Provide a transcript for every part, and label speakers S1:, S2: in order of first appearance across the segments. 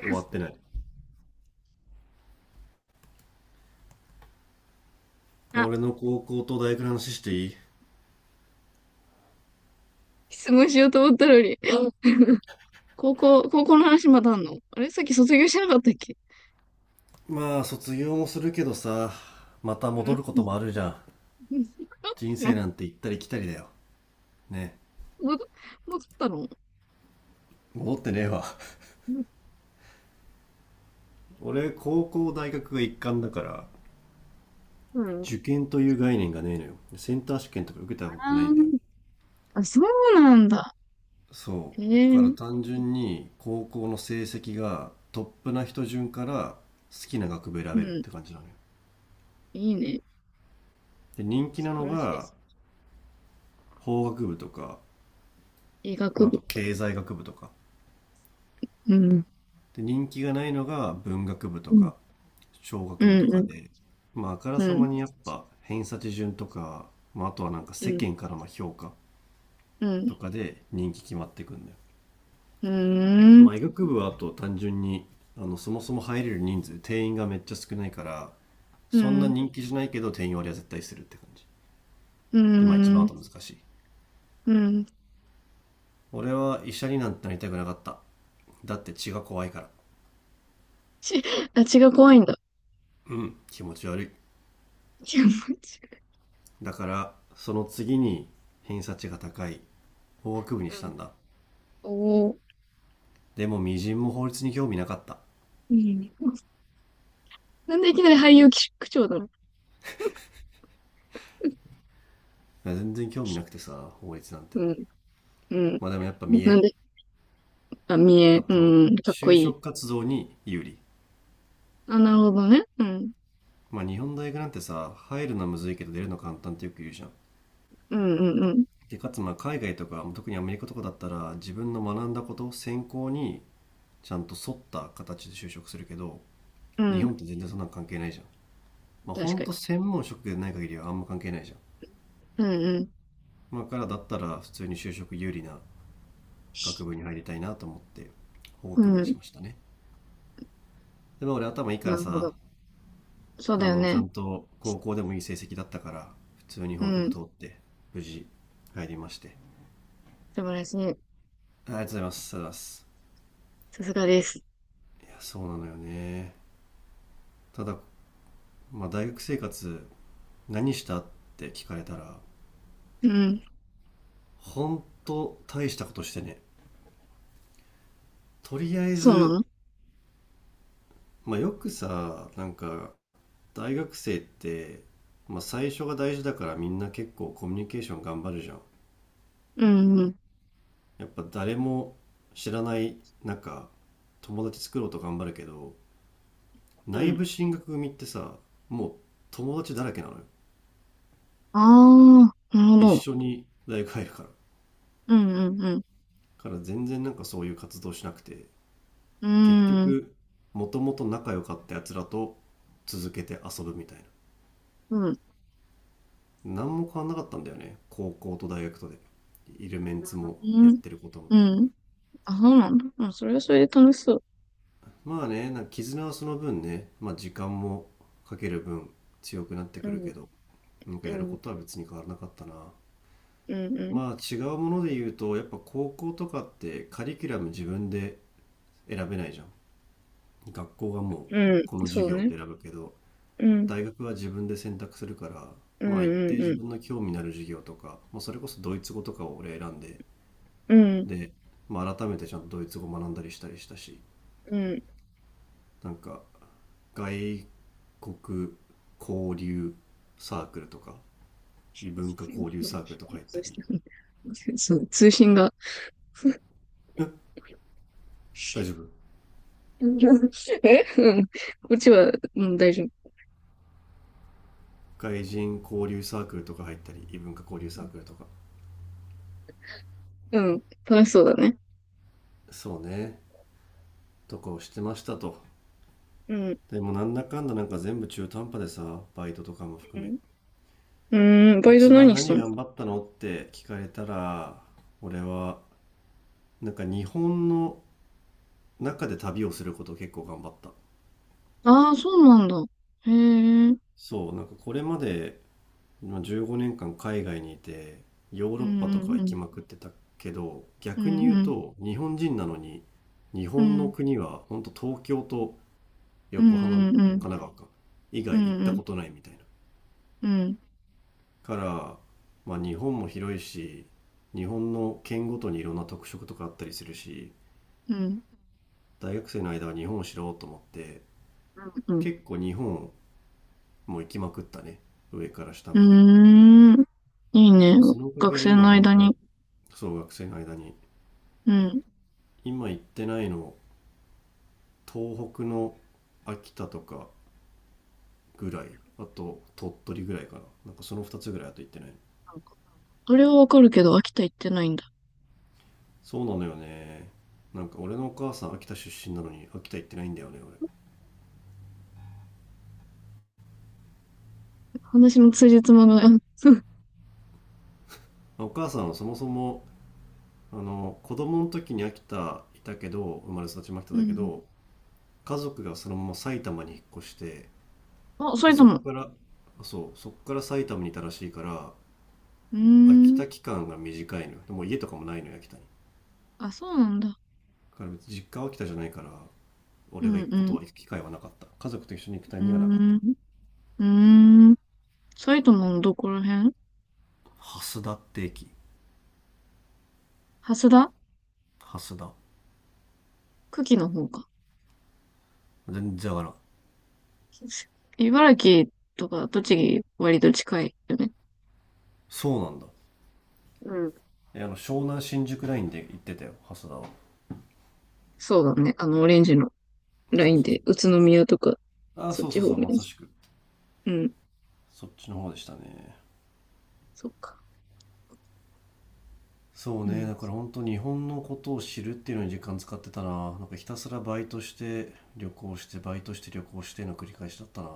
S1: 終わってない。
S2: あ、
S1: 俺の高校と大学の話していい？
S2: 質問しようと思ったのに。高校の話まだあんの？あれさっき卒業してなかったっけ？
S1: まあ卒業もするけどさ、また
S2: う
S1: 戻
S2: ん。
S1: ることもあるじゃん。人生なんて行ったり来たりだよね。
S2: 戻戻ったの？
S1: 戻ってねえわ。 俺高校大学が一貫だから
S2: うん。
S1: 受験という概念がねえのよ。センター試験とか受けたことない
S2: あ
S1: んだよね。
S2: ー、あ、そうなんだ。
S1: そ
S2: へ
S1: うだから
S2: え。
S1: 単純に高校の成績がトップな人順から好きな学部選
S2: う
S1: べるっ
S2: ん。
S1: て感じなのよ。
S2: いいね。
S1: で人気
S2: 素
S1: な
S2: 晴
S1: の
S2: らしいで
S1: が
S2: す。
S1: 法学部とか、
S2: 医学
S1: まああと
S2: 部。
S1: 経済学部とか
S2: うん。
S1: で、人気がないのが文学部と
S2: うん。
S1: か商
S2: う
S1: 学部と
S2: ん。う
S1: か
S2: ん。
S1: で、まあ、あから
S2: う
S1: さま
S2: ん。
S1: にやっぱ偏差値順とか、まあ、あとは世間からの評価
S2: うん。
S1: とかで人気決まってくんだよ。
S2: う
S1: ま
S2: ん。
S1: あ、医学部はあと単純にそもそも入れる人数定員がめっちゃ少ないから
S2: う
S1: そんな
S2: ん。
S1: 人気じゃないけど、定員割りは絶対するって感じ。
S2: う
S1: でまあ一番あ
S2: ん。
S1: と難しい。
S2: うん。
S1: 俺は医者になんてなりたくなかった。だって血が怖いから。
S2: ち、あ、血が怖いんだ。
S1: うん、気持ち悪い。
S2: 違う。
S1: だからその次に偏差値が高い法学部に
S2: う
S1: した
S2: ん。
S1: んだ。
S2: おお。
S1: でもみじんも法律に興味なかった。
S2: いいね。なんでいきなり俳優区長だろ
S1: 全然興味なくてさ、法律なんて。
S2: う。うん、うん。
S1: まあでもやっぱ見
S2: なん
S1: え、
S2: で、あ、見
S1: あ
S2: え、
S1: と
S2: うん、かっこ
S1: 就
S2: いい。
S1: 職活動に有利。
S2: あ、なるほどね。うん、
S1: まあ日本大学なんてさ、入るのはむずいけど出るの簡単ってよく言うじゃん。
S2: うん、うん、うん。
S1: でかつ、まあ海外とか特にアメリカとかだったら自分の学んだこと専攻にちゃんと沿った形で就職するけど、
S2: う
S1: 日
S2: ん、
S1: 本って全然そんなん関係ないじゃん。まあほ
S2: 確
S1: ん
S2: かに。
S1: と専門職でない限りはあんま関係ないじゃん。
S2: うん、
S1: まあ、からだったら普通に就職有利な学部に入りたいなと思って法
S2: う
S1: 学
S2: ん、
S1: 部
S2: う
S1: にし
S2: ん。
S1: ましたね。でも俺頭いいか
S2: な
S1: ら
S2: るほ
S1: さ、
S2: ど。そうだよ
S1: ちゃ
S2: ね。
S1: んと高校でもいい成績だったから普通に
S2: う
S1: 法学部
S2: ん、
S1: 通って無事入りまして。
S2: 素晴らしい。
S1: ありがとうございます、ありがとうございます。
S2: さすがです。
S1: いやそうなのよね。ただ、まあ、大学生活何したって聞かれたら
S2: うん、
S1: 本当大したことしてね。とりあえ
S2: そうな
S1: ず
S2: の？
S1: まあ、よくさ大学生って、まあ、最初が大事だからみんな結構コミュニケーション頑張るじゃん。
S2: うん、うん、
S1: やっぱ誰も知らない中、友達作ろうと頑張るけど、
S2: う
S1: 内
S2: ん。
S1: 部進学組ってさ、もう友達だらけなのよ。
S2: ああ、なるほ
S1: 一
S2: ど。
S1: 緒に大学入るから。
S2: うん、うん、う
S1: から全然そういう活動しなくて、結
S2: ん。うん、
S1: 局、もともと仲良かったやつらと続けて遊ぶみたいな。
S2: うん、
S1: 何も変わんなかったんだよね、高校と大学とで。いるメンツも
S2: う
S1: やっ
S2: ん、
S1: てることも。
S2: うん。あ、そうなんだ。うん、それはそれで楽しそ
S1: まあね、絆はその分ね、まあ時間もかける分強くなって
S2: う。う
S1: くる
S2: ん、
S1: けど、
S2: う
S1: やるこ
S2: ん、
S1: とは別に変わらなかったな。
S2: うん、うん。
S1: まあ違うもので言うと、やっぱ高校とかってカリキュラム自分で選べないじゃん。学校がもう
S2: うん、
S1: この授
S2: そう
S1: 業っ
S2: ね。
S1: て選ぶけど、
S2: うん。
S1: 大学は自分で選択するから、
S2: うん
S1: まあ一
S2: う
S1: 定
S2: ん
S1: 自
S2: うん。
S1: 分の興味のある授業とか、まあそれこそドイツ語とかを俺選んで、
S2: うん
S1: で、まあ改めてちゃんとドイツ語学んだりしたりしたし、
S2: うん。
S1: なんか外国交流サークルとか
S2: 通
S1: 異文化交流サークルとか入ったり、
S2: 信そう、通信が。
S1: 大丈夫？
S2: え、うん。こっちは、うん、大丈夫。
S1: 外人交流サークルとか入ったり異文化交流サークルとか、
S2: うん。楽しそうだね。
S1: そうね、とかをしてましたと。
S2: うん。
S1: でもなんだかんだ全部中途半端でさ、バイトとかも
S2: う
S1: 含め。
S2: ん。うーん、バイト
S1: 一番
S2: 何した
S1: 何
S2: の？
S1: 頑張ったのって聞かれたら、俺は日本の中で旅をすることを結構頑張った。
S2: ああー、そうなんだ。へえ。うん
S1: そう、これまでまあ15年間海外にいてヨー
S2: う
S1: ロッパとかは
S2: んう
S1: 行
S2: ん。
S1: きまくってたけど、
S2: う
S1: 逆に
S2: ん
S1: 言う
S2: うん。
S1: と日本人なのに日
S2: う
S1: 本の
S2: ん
S1: 国は本当東京と
S2: うん
S1: 横浜、神
S2: うんうん。
S1: 奈川か以
S2: う
S1: 外行っ
S2: んう
S1: た
S2: ん
S1: ことないみたいな。
S2: うん。
S1: から、まあ日本も広いし、日本の県ごとにいろんな特色とかあったりするし、
S2: うん
S1: 大学生の間は日本を知ろうと思って
S2: うん。
S1: 結構日本も行きまくったね、上から下まで。
S2: うーん。いいね。
S1: まあ、そのおか
S2: 学
S1: げで
S2: 生
S1: 今
S2: の
S1: 本
S2: 間
S1: 当、
S2: に。
S1: そう学生の間に
S2: うん。
S1: 今行ってないの東北の秋田とかぐらい、あと鳥取ぐらいかな。その2つぐらいあと行ってない。
S2: あれはわかるけど、秋田行ってないんだ。
S1: そうなのよね、俺のお母さん秋田出身なのに秋田行ってないんだよね。
S2: 話の通じつまがない。
S1: 俺お母さんはそもそも子供の時に秋田いたけど、生まれ育ちも秋田
S2: う
S1: だけ
S2: ん。
S1: ど家族がそのまま埼玉に引っ越して、
S2: あ、そ
S1: で
S2: 玉。
S1: そっ
S2: も。
S1: から、そうそっから埼玉にいたらしいから
S2: うー
S1: 秋
S2: ん。
S1: 田期間が短いのよ。でもう家とかもないのよ、秋田に。
S2: あ、そうなんだ。
S1: だから別に実家は秋田じゃないから
S2: う
S1: 俺が
S2: ん、う
S1: 行くこと
S2: ん、
S1: は、行く機会はなかった。家族と一緒に行くタイミングがなかった。
S2: うーん、うーん。埼玉のどこら辺？
S1: 蓮田って駅。
S2: 蓮田？
S1: 蓮田。
S2: 久喜の方か。
S1: 全然わからん。
S2: 茨城とか栃木割と近いよね。
S1: そうなんだ。
S2: うん。
S1: え、湘南新宿ラインで行ってたよ、蓮田は。
S2: そうだね。あの、オレンジのラ
S1: そ
S2: イ
S1: う
S2: ン
S1: そうそ
S2: で、
S1: う、
S2: 宇都宮とか、
S1: あ
S2: そっ
S1: そうそ
S2: ち
S1: う
S2: 方
S1: そう、
S2: 面。
S1: まさしく
S2: うん。
S1: そっちの方でしたね。
S2: そっか。
S1: そうね、だか
S2: う
S1: ら本当日本のことを知るっていうのに時間使ってたな。ひたすらバイトして旅行してバイトして旅行しての繰り返しだったな。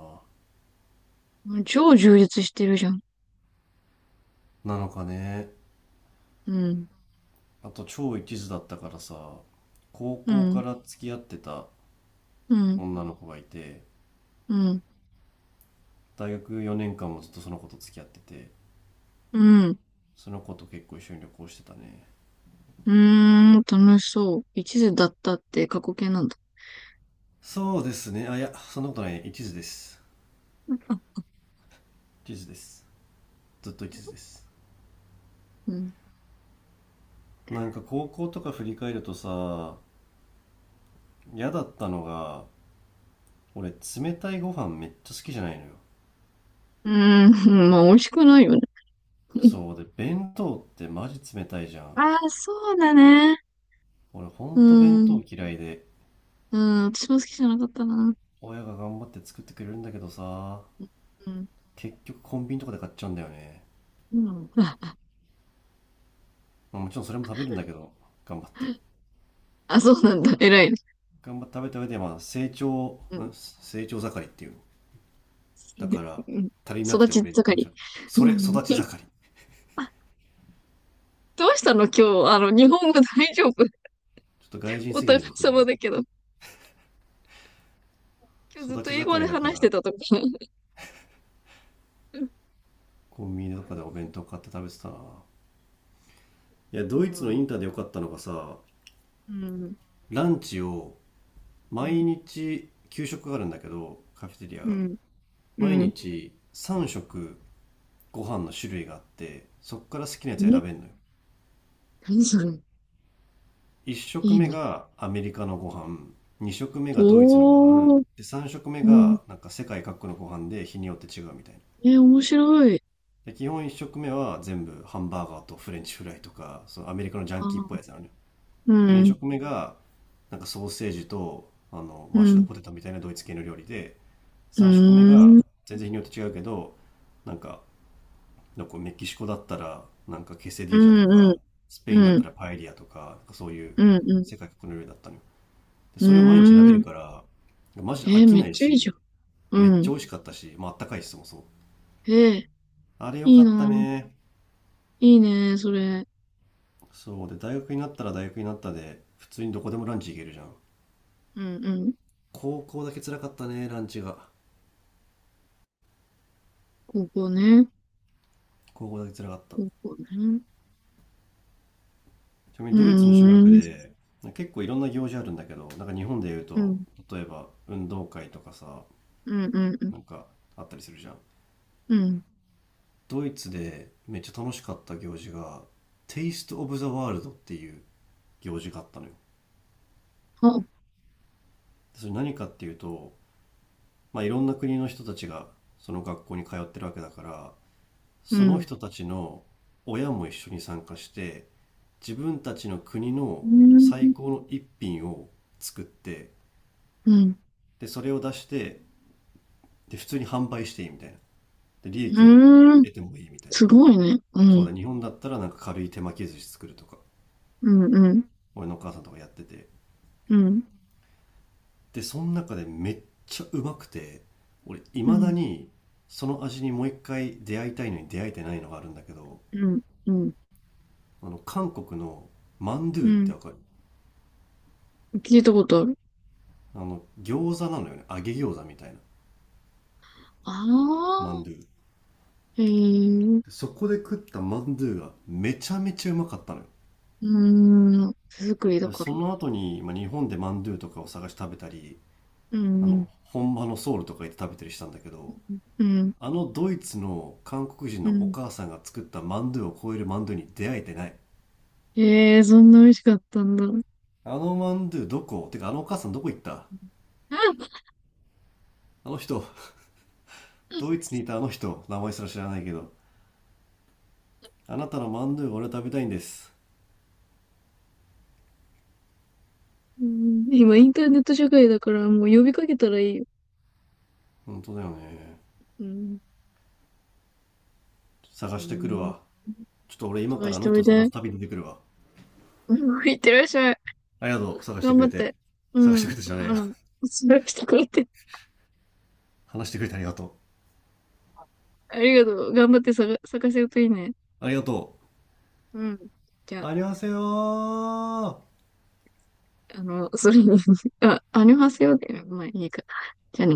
S2: ん。超充実してるじゃん。
S1: なのかね。
S2: うん。
S1: あと超一途だったからさ、高
S2: う
S1: 校か
S2: ん。
S1: ら付き合ってた
S2: うん。
S1: 女の子がいて、
S2: うん。
S1: 大学4年間もずっとその子と付き合ってて、
S2: うん。
S1: その子と結構一緒に旅行してたね。
S2: うーん、楽しそう。一途だったって過去形なんだ？
S1: そうですね、あ、いやそんなことないね、一途です。一途です。ずっと一途です。
S2: うん。
S1: 高校とか振り返るとさ、嫌だったのが、俺冷たいご飯めっちゃ好きじゃないのよ。
S2: うーん、まあ、美味しくないよね。
S1: そうで弁当ってマジ冷たいじゃん。
S2: ああ、そうだね。
S1: 俺ほ
S2: うー
S1: んと弁
S2: ん、
S1: 当嫌いで、
S2: うん、私も好きじゃなかったな。
S1: 親が頑張って作ってくれるんだけどさ、
S2: うん、
S1: 結局コンビニとかで買っちゃうんだよね。
S2: うん。あ、
S1: まあもちろんそれも食べるんだけど、頑張って
S2: あ、そうなんだ。偉いね。
S1: 頑張って食べた上で、まあ、成長、
S2: うん。
S1: ん成長盛りっていうの。だから、
S2: うん、
S1: 足りなく
S2: 育
S1: てお
S2: ち
S1: 弁
S2: 盛
S1: 当じ
S2: り。
S1: ゃん。そ
S2: う
S1: れ、育
S2: ん。
S1: ち盛り。ちょ
S2: あ、どうしたの今日？あの、日本語大丈夫？
S1: っと外人
S2: お
S1: すぎ
S2: 互い
S1: るね、今日
S2: 様
S1: 俺。
S2: だけど。今日ずっ
S1: 育
S2: と
S1: ち
S2: 英語
S1: 盛
S2: で
S1: りだか
S2: 話して
S1: ら、
S2: たとか。うん
S1: コンビニとかでお弁当買って食べてたな。いや、
S2: う
S1: ドイツの
S2: ん。
S1: インターで良かったのがさ、
S2: うん。
S1: ランチを、
S2: う
S1: 毎
S2: ん。
S1: 日、給食があるんだけど、カフェテリア
S2: う
S1: が。
S2: ん。う
S1: 毎
S2: ん。
S1: 日、3食、ご飯の種類があって、そっから好きなやつ選
S2: え、
S1: べんのよ。
S2: 何それ？いい
S1: 1食目
S2: な。
S1: がアメリカのご飯、2食目がドイツのご飯、
S2: おー、
S1: で3食目
S2: うん、
S1: が世界各国のご飯で日によって違うみたいな。
S2: え、面白い。
S1: で基本1食目は全部ハンバーガーとフレンチフライとか、そのアメリカのジャンキーっ
S2: あ
S1: ぽ
S2: ー、
S1: いやつなのよ。
S2: う
S1: で
S2: ん、
S1: 2食目がソーセージと
S2: う
S1: マッシュド
S2: ん、
S1: ポテトみたいなドイツ系の料理で、
S2: うー
S1: 3食目が
S2: ん、
S1: 全然日によって違うけど、なんか、なんかメキシコだったらケセデ
S2: う
S1: ィージャと
S2: ん、うん、
S1: か、スペインだっ
S2: う
S1: た
S2: ん、
S1: らパエリアとか、そういう
S2: うん、うん、
S1: 世界各国の料理だったのよ。で
S2: う
S1: それを毎日選べ
S2: ー
S1: る
S2: ん。
S1: から、マジで飽
S2: え、
S1: き
S2: めっ
S1: ない
S2: ちゃいいじゃ
S1: し、
S2: ん。
S1: め
S2: う
S1: っちゃ
S2: ん。
S1: 美味しかったし、まああったかいし、そもそも。
S2: え、
S1: あれよ
S2: い
S1: か
S2: い
S1: った
S2: な。
S1: ね。
S2: いいね、それ。
S1: そう。で、大学になったら大学になったで、普通にどこでもランチ行けるじゃん。
S2: うん、うん。
S1: 高校だけ辛かったね、ランチが。
S2: 高校ね。
S1: 高校だけ辛かった。ち
S2: 高校ね。
S1: なみ
S2: う
S1: にドイツの中学
S2: ーん、
S1: で、結構いろんな行事あるんだけど、日本で言う
S2: う
S1: と、
S2: ん、
S1: 例えば運動会とかさ、
S2: うん、うん、うん。
S1: なんかあったりするじゃん。
S2: うん、
S1: ドイツでめっちゃ楽しかった行事が、テイスト・オブ・ザ・ワールドっていう行事があったのよ。
S2: あ、
S1: それ何かっていうと、まあ、いろんな国の人たちがその学校に通ってるわけだから
S2: う
S1: その
S2: ん、
S1: 人たちの親も一緒に参加して、自分たちの国
S2: う
S1: の
S2: ー
S1: 最
S2: ん、
S1: 高の一品を作って、
S2: うん、
S1: でそれを出して、で普通に販売していいみたいな、で利益を
S2: うーん。
S1: 得てもいいみたいな。
S2: すごいね。う
S1: そう
S2: ん、
S1: だ、日本だったら軽い手巻き寿司作るとか、
S2: うん、うん、
S1: 俺のお母さんとかやってて、
S2: うん、
S1: でその中でめっちゃうまくて、俺い
S2: う
S1: まだ
S2: ん、
S1: にその味にもう一回出会いたいのに出会えてないのがあるんだけど、
S2: うん、
S1: あの韓国のマンド
S2: う
S1: ゥって
S2: ん。
S1: わかる？
S2: 聞いたことある。
S1: あの餃子なのよね、揚げ餃子みたいな。
S2: あ
S1: マンド
S2: あ、
S1: ゥ。
S2: へえ、う
S1: そこで食ったマンドゥがめちゃめちゃうまかったのよ。
S2: ーん、手作りだ
S1: で
S2: か
S1: そ
S2: ら。
S1: の後に、まあ、日本でマンドゥとかを探して食べたり、
S2: う
S1: あ
S2: ん、
S1: の本場のソウルとか行って食べたりしたんだけど、
S2: うん、
S1: あのドイツの韓国人
S2: う
S1: のお
S2: ん。
S1: 母さんが作ったマンドゥを超えるマンドゥに出会えてない。
S2: ええー、そんな美味しかったんだ。
S1: あのマンドゥどこ、てかあのお母さんどこ行った。あの人、ドイツ にいたあの人、名前すら知らないけど、あなたのマンドゥが俺は食べたいんです。
S2: うん、今、インターネット社会だから、もう呼びかけたらいいよ。
S1: 本当だよね。
S2: うん、
S1: 探
S2: う
S1: してくる
S2: ん、
S1: わ。ちょっと俺今か
S2: 探
S1: らあ
S2: し
S1: の
S2: てお
S1: 人を
S2: い
S1: 探
S2: で。
S1: す旅に出てくるわ。
S2: うん、いってらっしゃい。
S1: ありがとう、探して
S2: 頑
S1: く
S2: 張
S1: れ
S2: っ
S1: て。
S2: て。う
S1: 探してく
S2: ん、
S1: れてじゃない
S2: あ
S1: や。
S2: の、探してくれて。
S1: 話してくれてありがと
S2: ありがとう。頑張って探せるといいね。
S1: う。ありがと
S2: うん。じゃ
S1: う。
S2: あ、
S1: ありがせよー。
S2: あの、それに、あ、アニョハセヨで、まあいいか。じゃあね。